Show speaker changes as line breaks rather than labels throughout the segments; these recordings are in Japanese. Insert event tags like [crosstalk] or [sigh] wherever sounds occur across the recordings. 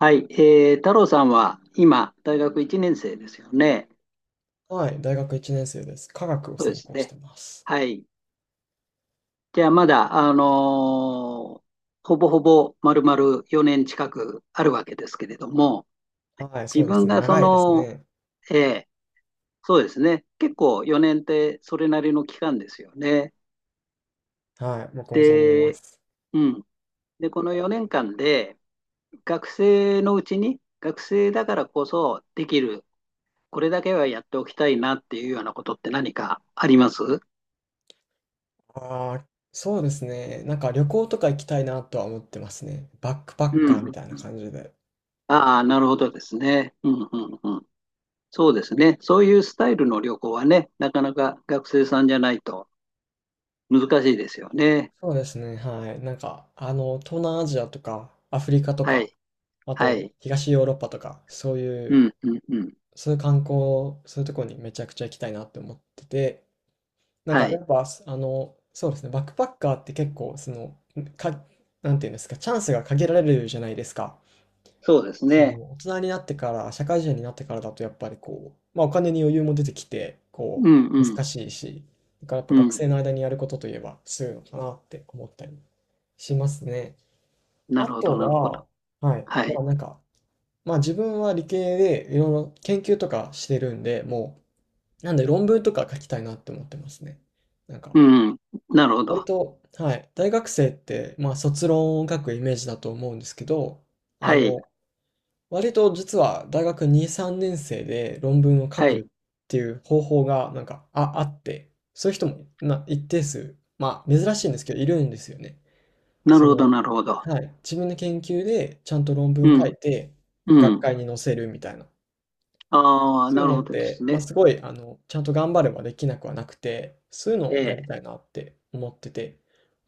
はい、太郎さんは今、大学1年生ですよね。
はい、大学1年生です。科学を
そうで
専
す
攻して
ね。
ます。
はい。じゃあ、まだ、ーほぼほぼ丸々4年近くあるわけですけれども、
はい、そ
自
うです
分
ね。
がそ
長いです
の、
ね。
えーそうですね。結構4年ってそれなりの期間ですよね。
はい、僕もそう思いま
で、
す。
うん。で、この4年間で、学生のうちに、学生だからこそできる、これだけはやっておきたいなっていうようなことって何かあります？
ああ、そうですね。なんか旅行とか行きたいなとは思ってますね。バックパ
う
ッカーみ
ん。
たいな感じで。
ああ、なるほどですね。うんうんうん。そうですね。そういうスタイルの旅行はね、なかなか学生さんじゃないと難しいですよね。
そうですね。はい。なんか、東南アジアとか、アフリカと
は
か、
い。
あ
は
と、
い。
東ヨーロッパとか、
うんうんうん。
そういう観光、そういうところにめちゃくちゃ行きたいなって思ってて、なん
は
かや
い。
っぱ、そうですね、バックパッカーって結構、か、なんていうんですか、チャンスが限られるじゃないですか。
そうですね。
大人になってから、社会人になってからだと、やっぱりこう、まあ、お金に余裕も出てきて、こ
うんう
う、難
ん。
しいし、だからやっぱ
う
学
ん。
生の間にやることといえば、そういうのかなって思ったりしますね。
な
あ
るほど、
と
なるほど。
は、はい、
は
ま
い。
あなんか、まあ自分は理系で、いろいろ研究とかしてるんで、もう、なんで論文とか書きたいなって思ってますね。なんか、
うんうん。なるほ
割
ど。
と、はい、大学生って、まあ、卒論を書くイメージだと思うんですけど、
は
あ
い。
の、割と実は大学2、3年生で論文を書
は
く
い。
っていう方法が、なんか、あって、そういう人も一定数、まあ、珍しいんですけど、いるんですよね。
な
そ
るほど、
の、
なるほど。
はい、自分の研究でちゃんと論文
う
書
ん。
いて、
う
学
ん。
会に載せるみたいな。
ああ、
そうい
な
う
る
の
ほ
っ
どです
て、まあ、
ね。
すごい、ちゃんと頑張ればできなくはなくて、そういうの
え
をやりた
え。
いなって思ってて。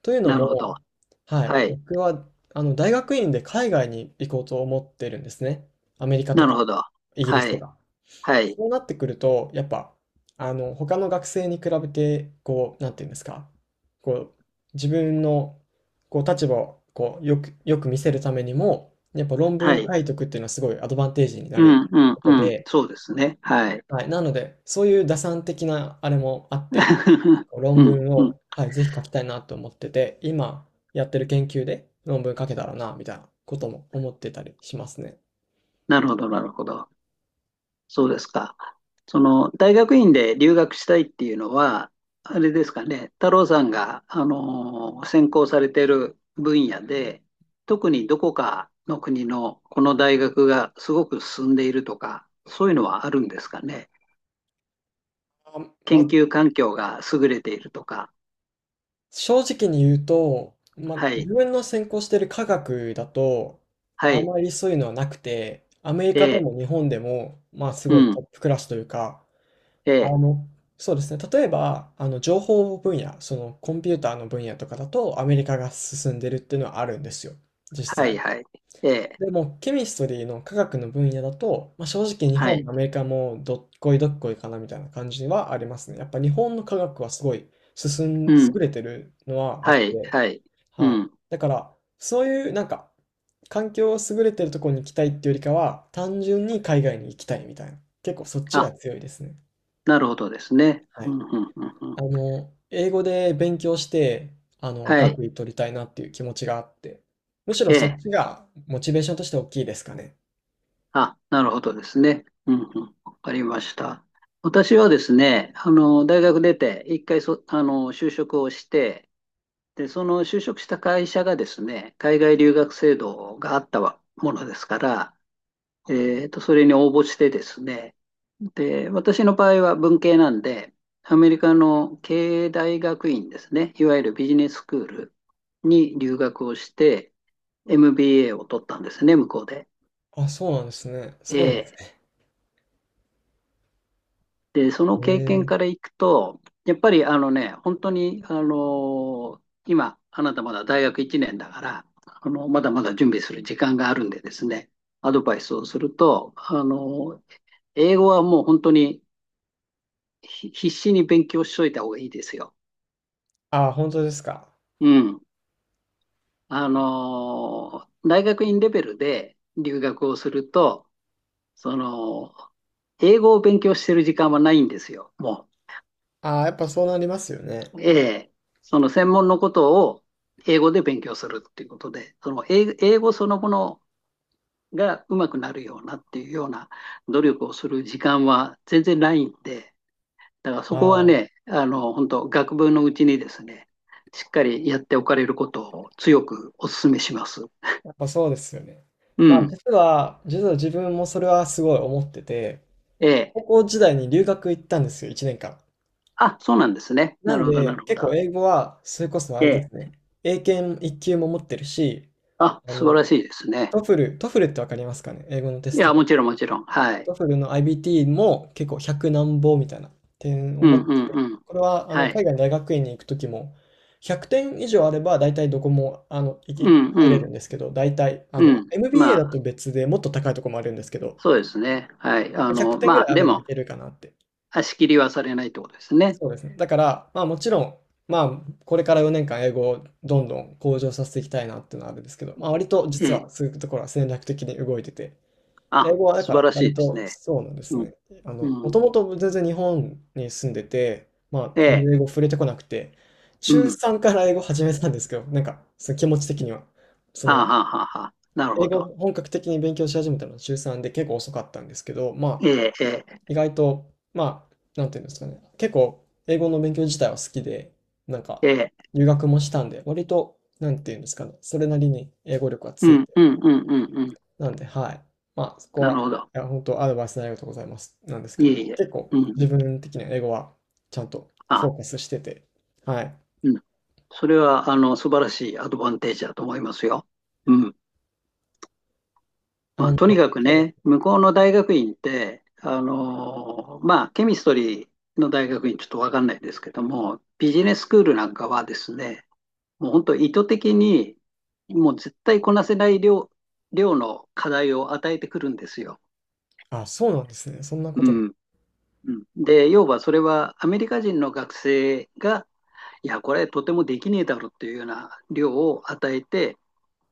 というの
なるほど。
も、はい、
はい。
僕は、大学院で海外に行こうと思ってるんですね。アメリカと
なる
か、
ほど。
イギリ
は
スと
い。
か。
はい。
そうなってくると、やっぱ、他の学生に比べて、こう、なんていうんですか、こう、自分の、こう、立場を、こう、よくよく見せるためにも、やっぱ論文
は
を
い。
書いとくっていうのはすごいアドバンテージにな
う
る
んうん
こと
うん。
で、
そうですね。はい。
はい、なので、そういう打算的なあれもあって、
[laughs]
こう論
うん
文
うん。
を、はい、ぜひ書きたいなと思ってて、今やってる研究で論文書けたらな、みたいなことも思ってたりしますね。
なるほど、なるほど。そうですか。その、大学院で留学したいっていうのは、あれですかね、太郎さんが、専攻されている分野で、特にどこかの国のこの大学がすごく進んでいるとか、そういうのはあるんですかね。
あ、ま
研
あ、
究環境が優れているとか。
正直に言うと、まあ、
はい、
自分の専攻してる科学だと、
は
あ
い、
まりそういうのはなくて、アメリ
え
カで
え、
も日本でも、まあ、す
う
ごいト
ん、
ップクラスというか、
え
あ
え、
の、そうですね。例えば、情報分野、そのコンピューターの分野とかだと、アメリカが進んでるっていうのはあるんですよ。
は
実
い、
際。
はい、ええ、
でも、ケミストリーの科学の分野だと、まあ、正直日
は
本
い。
もアメリカもどっこいどっこいかなみたいな感じはありますね。やっぱ日本の科学はすごい
う
優
ん、
れてるのはあ
は
っ
い、
て、
はい。う
はい。
ん。
だから、そういうなんか、環境を優れてるところに行きたいっていうよりかは、単純に海外に行きたいみたいな。結構そっちが
あ、
強いですね。
なるほどですね。
は
う
い。
ん、うん、うん、うん。
英語で勉強して、
はい。
学位取りたいなっていう気持ちがあって、むしろ
え
そっ
え。
ちがモチベーションとして大きいですかね。
あ、なるほどですね。うん、うん。わかりました。私はですね、あの、大学出て、一回あの、就職をして、で、その就職した会社がですね、海外留学制度があったわものですから、それに応募してですね、で、私の場合は文系なんで、アメリカの経営大学院ですね、いわゆるビジネススクールに留学をして、MBA を取ったんですね、向こうで。
あ、そうなんですね。
え
すごいで
ー
す
で、その
ね。へ
経験から
え。
いくと、やっぱりあのね、本当に、ー今、あなたまだ大学1年だから、あの、まだまだ準備する時間があるんでですね、アドバイスをすると、英語はもう本当に必死に勉強しといた方がいいですよ。
あ本当ですか。
うん。大学院レベルで留学をすると、その、英語を勉強してる時間はないんですよ、も
あやっぱそうなりますよね。
う。ええ。その専門のことを英語で勉強するっていうことで、その英語そのものがうまくなるようなっていうような努力をする時間は全然ないんで、だからそこは
ああ、
ね、あの、本当学部のうちにですね、しっかりやっておかれることを強くお勧めします。
やっぱそうですよね。
う
まあ、
ん。
実は自分もそれはすごい思ってて、
え
高
え。
校時代に留学行ったんですよ、1年間。
あ、そうなんですね。
な
な
ん
るほど、な
で、
るほ
結
ど。
構英語は、それこそあれで
え
す
え。
ね、英検1級も持ってるし、
あ、
あ
素晴
の、
らしいですね。
トフルってわかりますかね、英語のテ
い
スト
や、も
で。
ちろん、もちろん。はい。
トフルの IBT も結構100何ぼみたいな点を
う
持
んう
って
ん
て、
うん。
これは
はい。
海外の大学院に行くときも、100点以上あれば大体どこも行け
うんう
入れ
ん
るんですけど、大体
うん。
MBA だ
まあ、
と別でもっと高いとこもあるんですけど、
そうですね。はい。
ま
あ
あ100
の、
点ぐら
まあ、
いあ
で
ればい
も、
けるかなって。
足切りはされないってことですね。
そうですね。だから、まあもちろん、まあこれから4年間英語をどんどん向上させていきたいなっていうのはあるんですけど、まあ割と
え
実
え。
はそういうところは戦略的に動いてて、英
あ、
語はだ
素
か
晴
ら
らし
割
いです
と
ね。
そうなんです
うん。
ね。も
う
と
ん。
もと全然日本に住んでて、まあ
え
全
え。
然英語触れてこなくて、
う
中
ん。
3から英語始めたんですけど、なんかその気持ち的には。そ
あ
の、
ははは。なる
英
ほ
語
ど。
を本格的に勉強し始めたのは中3で結構遅かったんですけど、ま
え
あ
え、ええ、
意外と、まあ、なんていうんですかね、結構英語の勉強自体は好きで、なんか
ええ、
留学もしたんで、割と、なんていうんですかね、それなりに英語力は
う
つい
ん、うん、うん、うん、うん。
なんで、はい。まあ、そこ
なる
は、
ほど。
いや、本当アドバイスのありがとうございます。なんですけ
いえ
ど、
いえ。
結構
う
自
ん。
分的には英語はちゃんとフ
あ、
ォーカスしてて、はい。
うん。それは、あの、素晴らしいアドバンテージだと思いますよ。うん。ま
あ
あ、
の、
とにかく
そうです
ね、向こう
ね。
の大学院って、あのまあ、ケミストリーの大学院ちょっとわかんないですけども、ビジネススクールなんかはですね、もう本当意図的に、もう絶対こなせない量の課題を与えてくるんですよ。
あ、そうなんですね。そんなこ
う
とが。
ん。うん、で、要はそれはアメリカ人の学生が、いや、これとてもできねえだろっていうような量を与えて、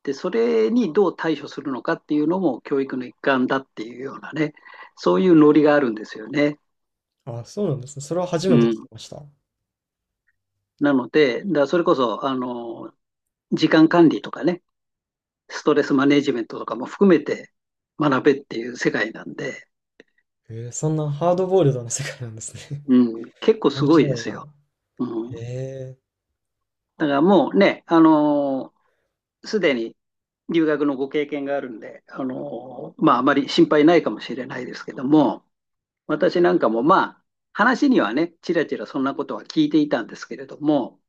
で、それにどう対処するのかっていうのも教育の一環だっていうようなね、そういうノリがあるんですよね。
あ、そうなんですね。それは初
う
めて聞き
ん。
ました。
なので、だからそれこそ、あの、時間管理とかね、ストレスマネジメントとかも含めて学べっていう世界なんで、
へそんなハードボイルドな世界なんですね。
うん、結構
[laughs]
す
面
ごい
白
で
い
す
な。
よ。うん。
へー
だからもうね、あのすでに留学のご経験があるんで、あのまあ、あまり心配ないかもしれないですけども、私なんかもまあ、話にはね、ちらちらそんなことは聞いていたんですけれども、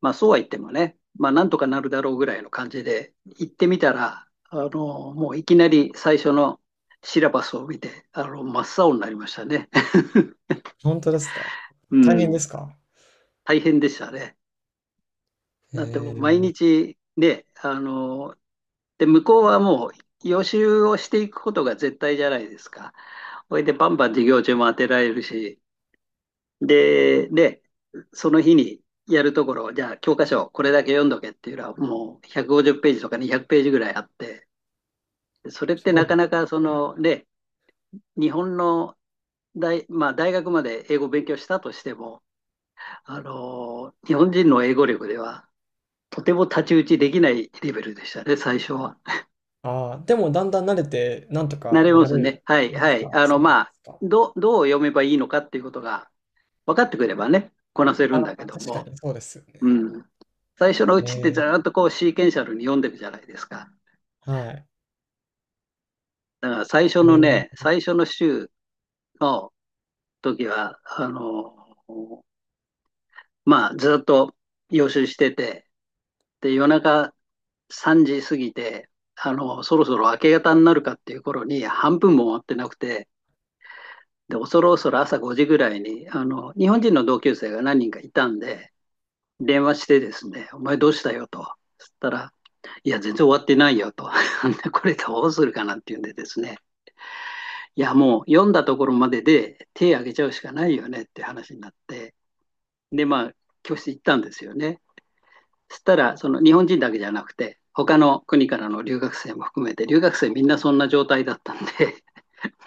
まあ、そうは言ってもね、まあ、なんとかなるだろうぐらいの感じで行ってみたら、あのもういきなり最初のシラバスを見て、あの真っ青になりましたね。
本当ですか。
[laughs] う
大変で
ん、
すか。
大変でしたね。
へ
だってもう毎
えー、
日ね、で、向こうはもう予習をしていくことが絶対じゃないですか。それでバンバン授業中も当てられるし、で、その日にやるところ、じゃあ教科書これだけ読んどけっていうのはもう150ページとか200ページぐらいあって、それっ
す
て
ごい
な
で
か
す。
なか
そ
その、ね、日本のまあ、大学まで英語を勉強したとしても、あの、日本人の英語力ではとても太刀打ちできないレベルでしたね、最初は。
あーでもだんだん慣れて、なんと
な
か
り
な
ます
れ
ね。はい、
ま
は
す
い。
か。
あの、
そうなん
ま
で
あ、
すか。
どう読めばいいのかっていうことが分かってくればね、こなせるん
あ
だけ
あ、
ど
確か
も、
にそうですよ
う
ね。
ん。最初のう
へ
ちってず
え、
ーっとこうシーケンシャルに読んでるじゃないですか。
はい。
だから最初
へ
の
え、
ね、最初の週の時は、あの、まあ、ずーっと予習してて、で、夜中3時過ぎて、あの、そろそろ明け方になるかっていう頃に半分も終わってなくて、で、恐る恐る朝5時ぐらいに、あの、日本人の同級生が何人かいたんで、電話してですね、お前どうしたよと。そしたら、いや、全然終わってないよと。[laughs] これどうするかなっていうんでですね、いや、もう読んだところまでで手挙げちゃうしかないよねって話になって、で、まあ、教室行ったんですよね。そしたら、その日本人だけじゃなくて、他の国からの留学生も含めて、留学生みんなそんな状態だったんで、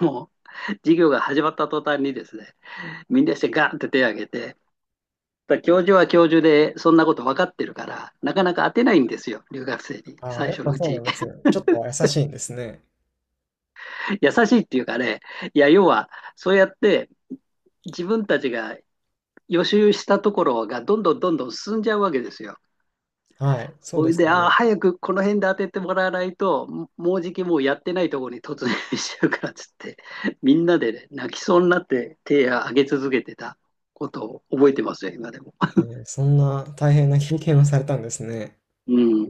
もう授業が始まった途端にですね、みんなしてガーンって手を挙げて、教授は教授で、そんなこと分かってるから、なかなか当てないんですよ、留学生に、
ああ、
最
やっ
初の
ぱ
う
そうな
ち
んですね。ちょっとは優しいんですね。
[laughs]。優しいっていうかね、いや、要は、そうやって自分たちが予習したところがどんどんどんどん進んじゃうわけですよ。
はい、そう
そ
で
れ
す
で、
よ
あ
ね。
早くこの辺で当ててもらわないと、もうじきもうやってないところに突入しちゃうからっつって、みんなで、ね、泣きそうになって手を挙げ続けてたことを覚えてますよ、今でも。
ええ、そんな大変な経験をされたんですね。
うん。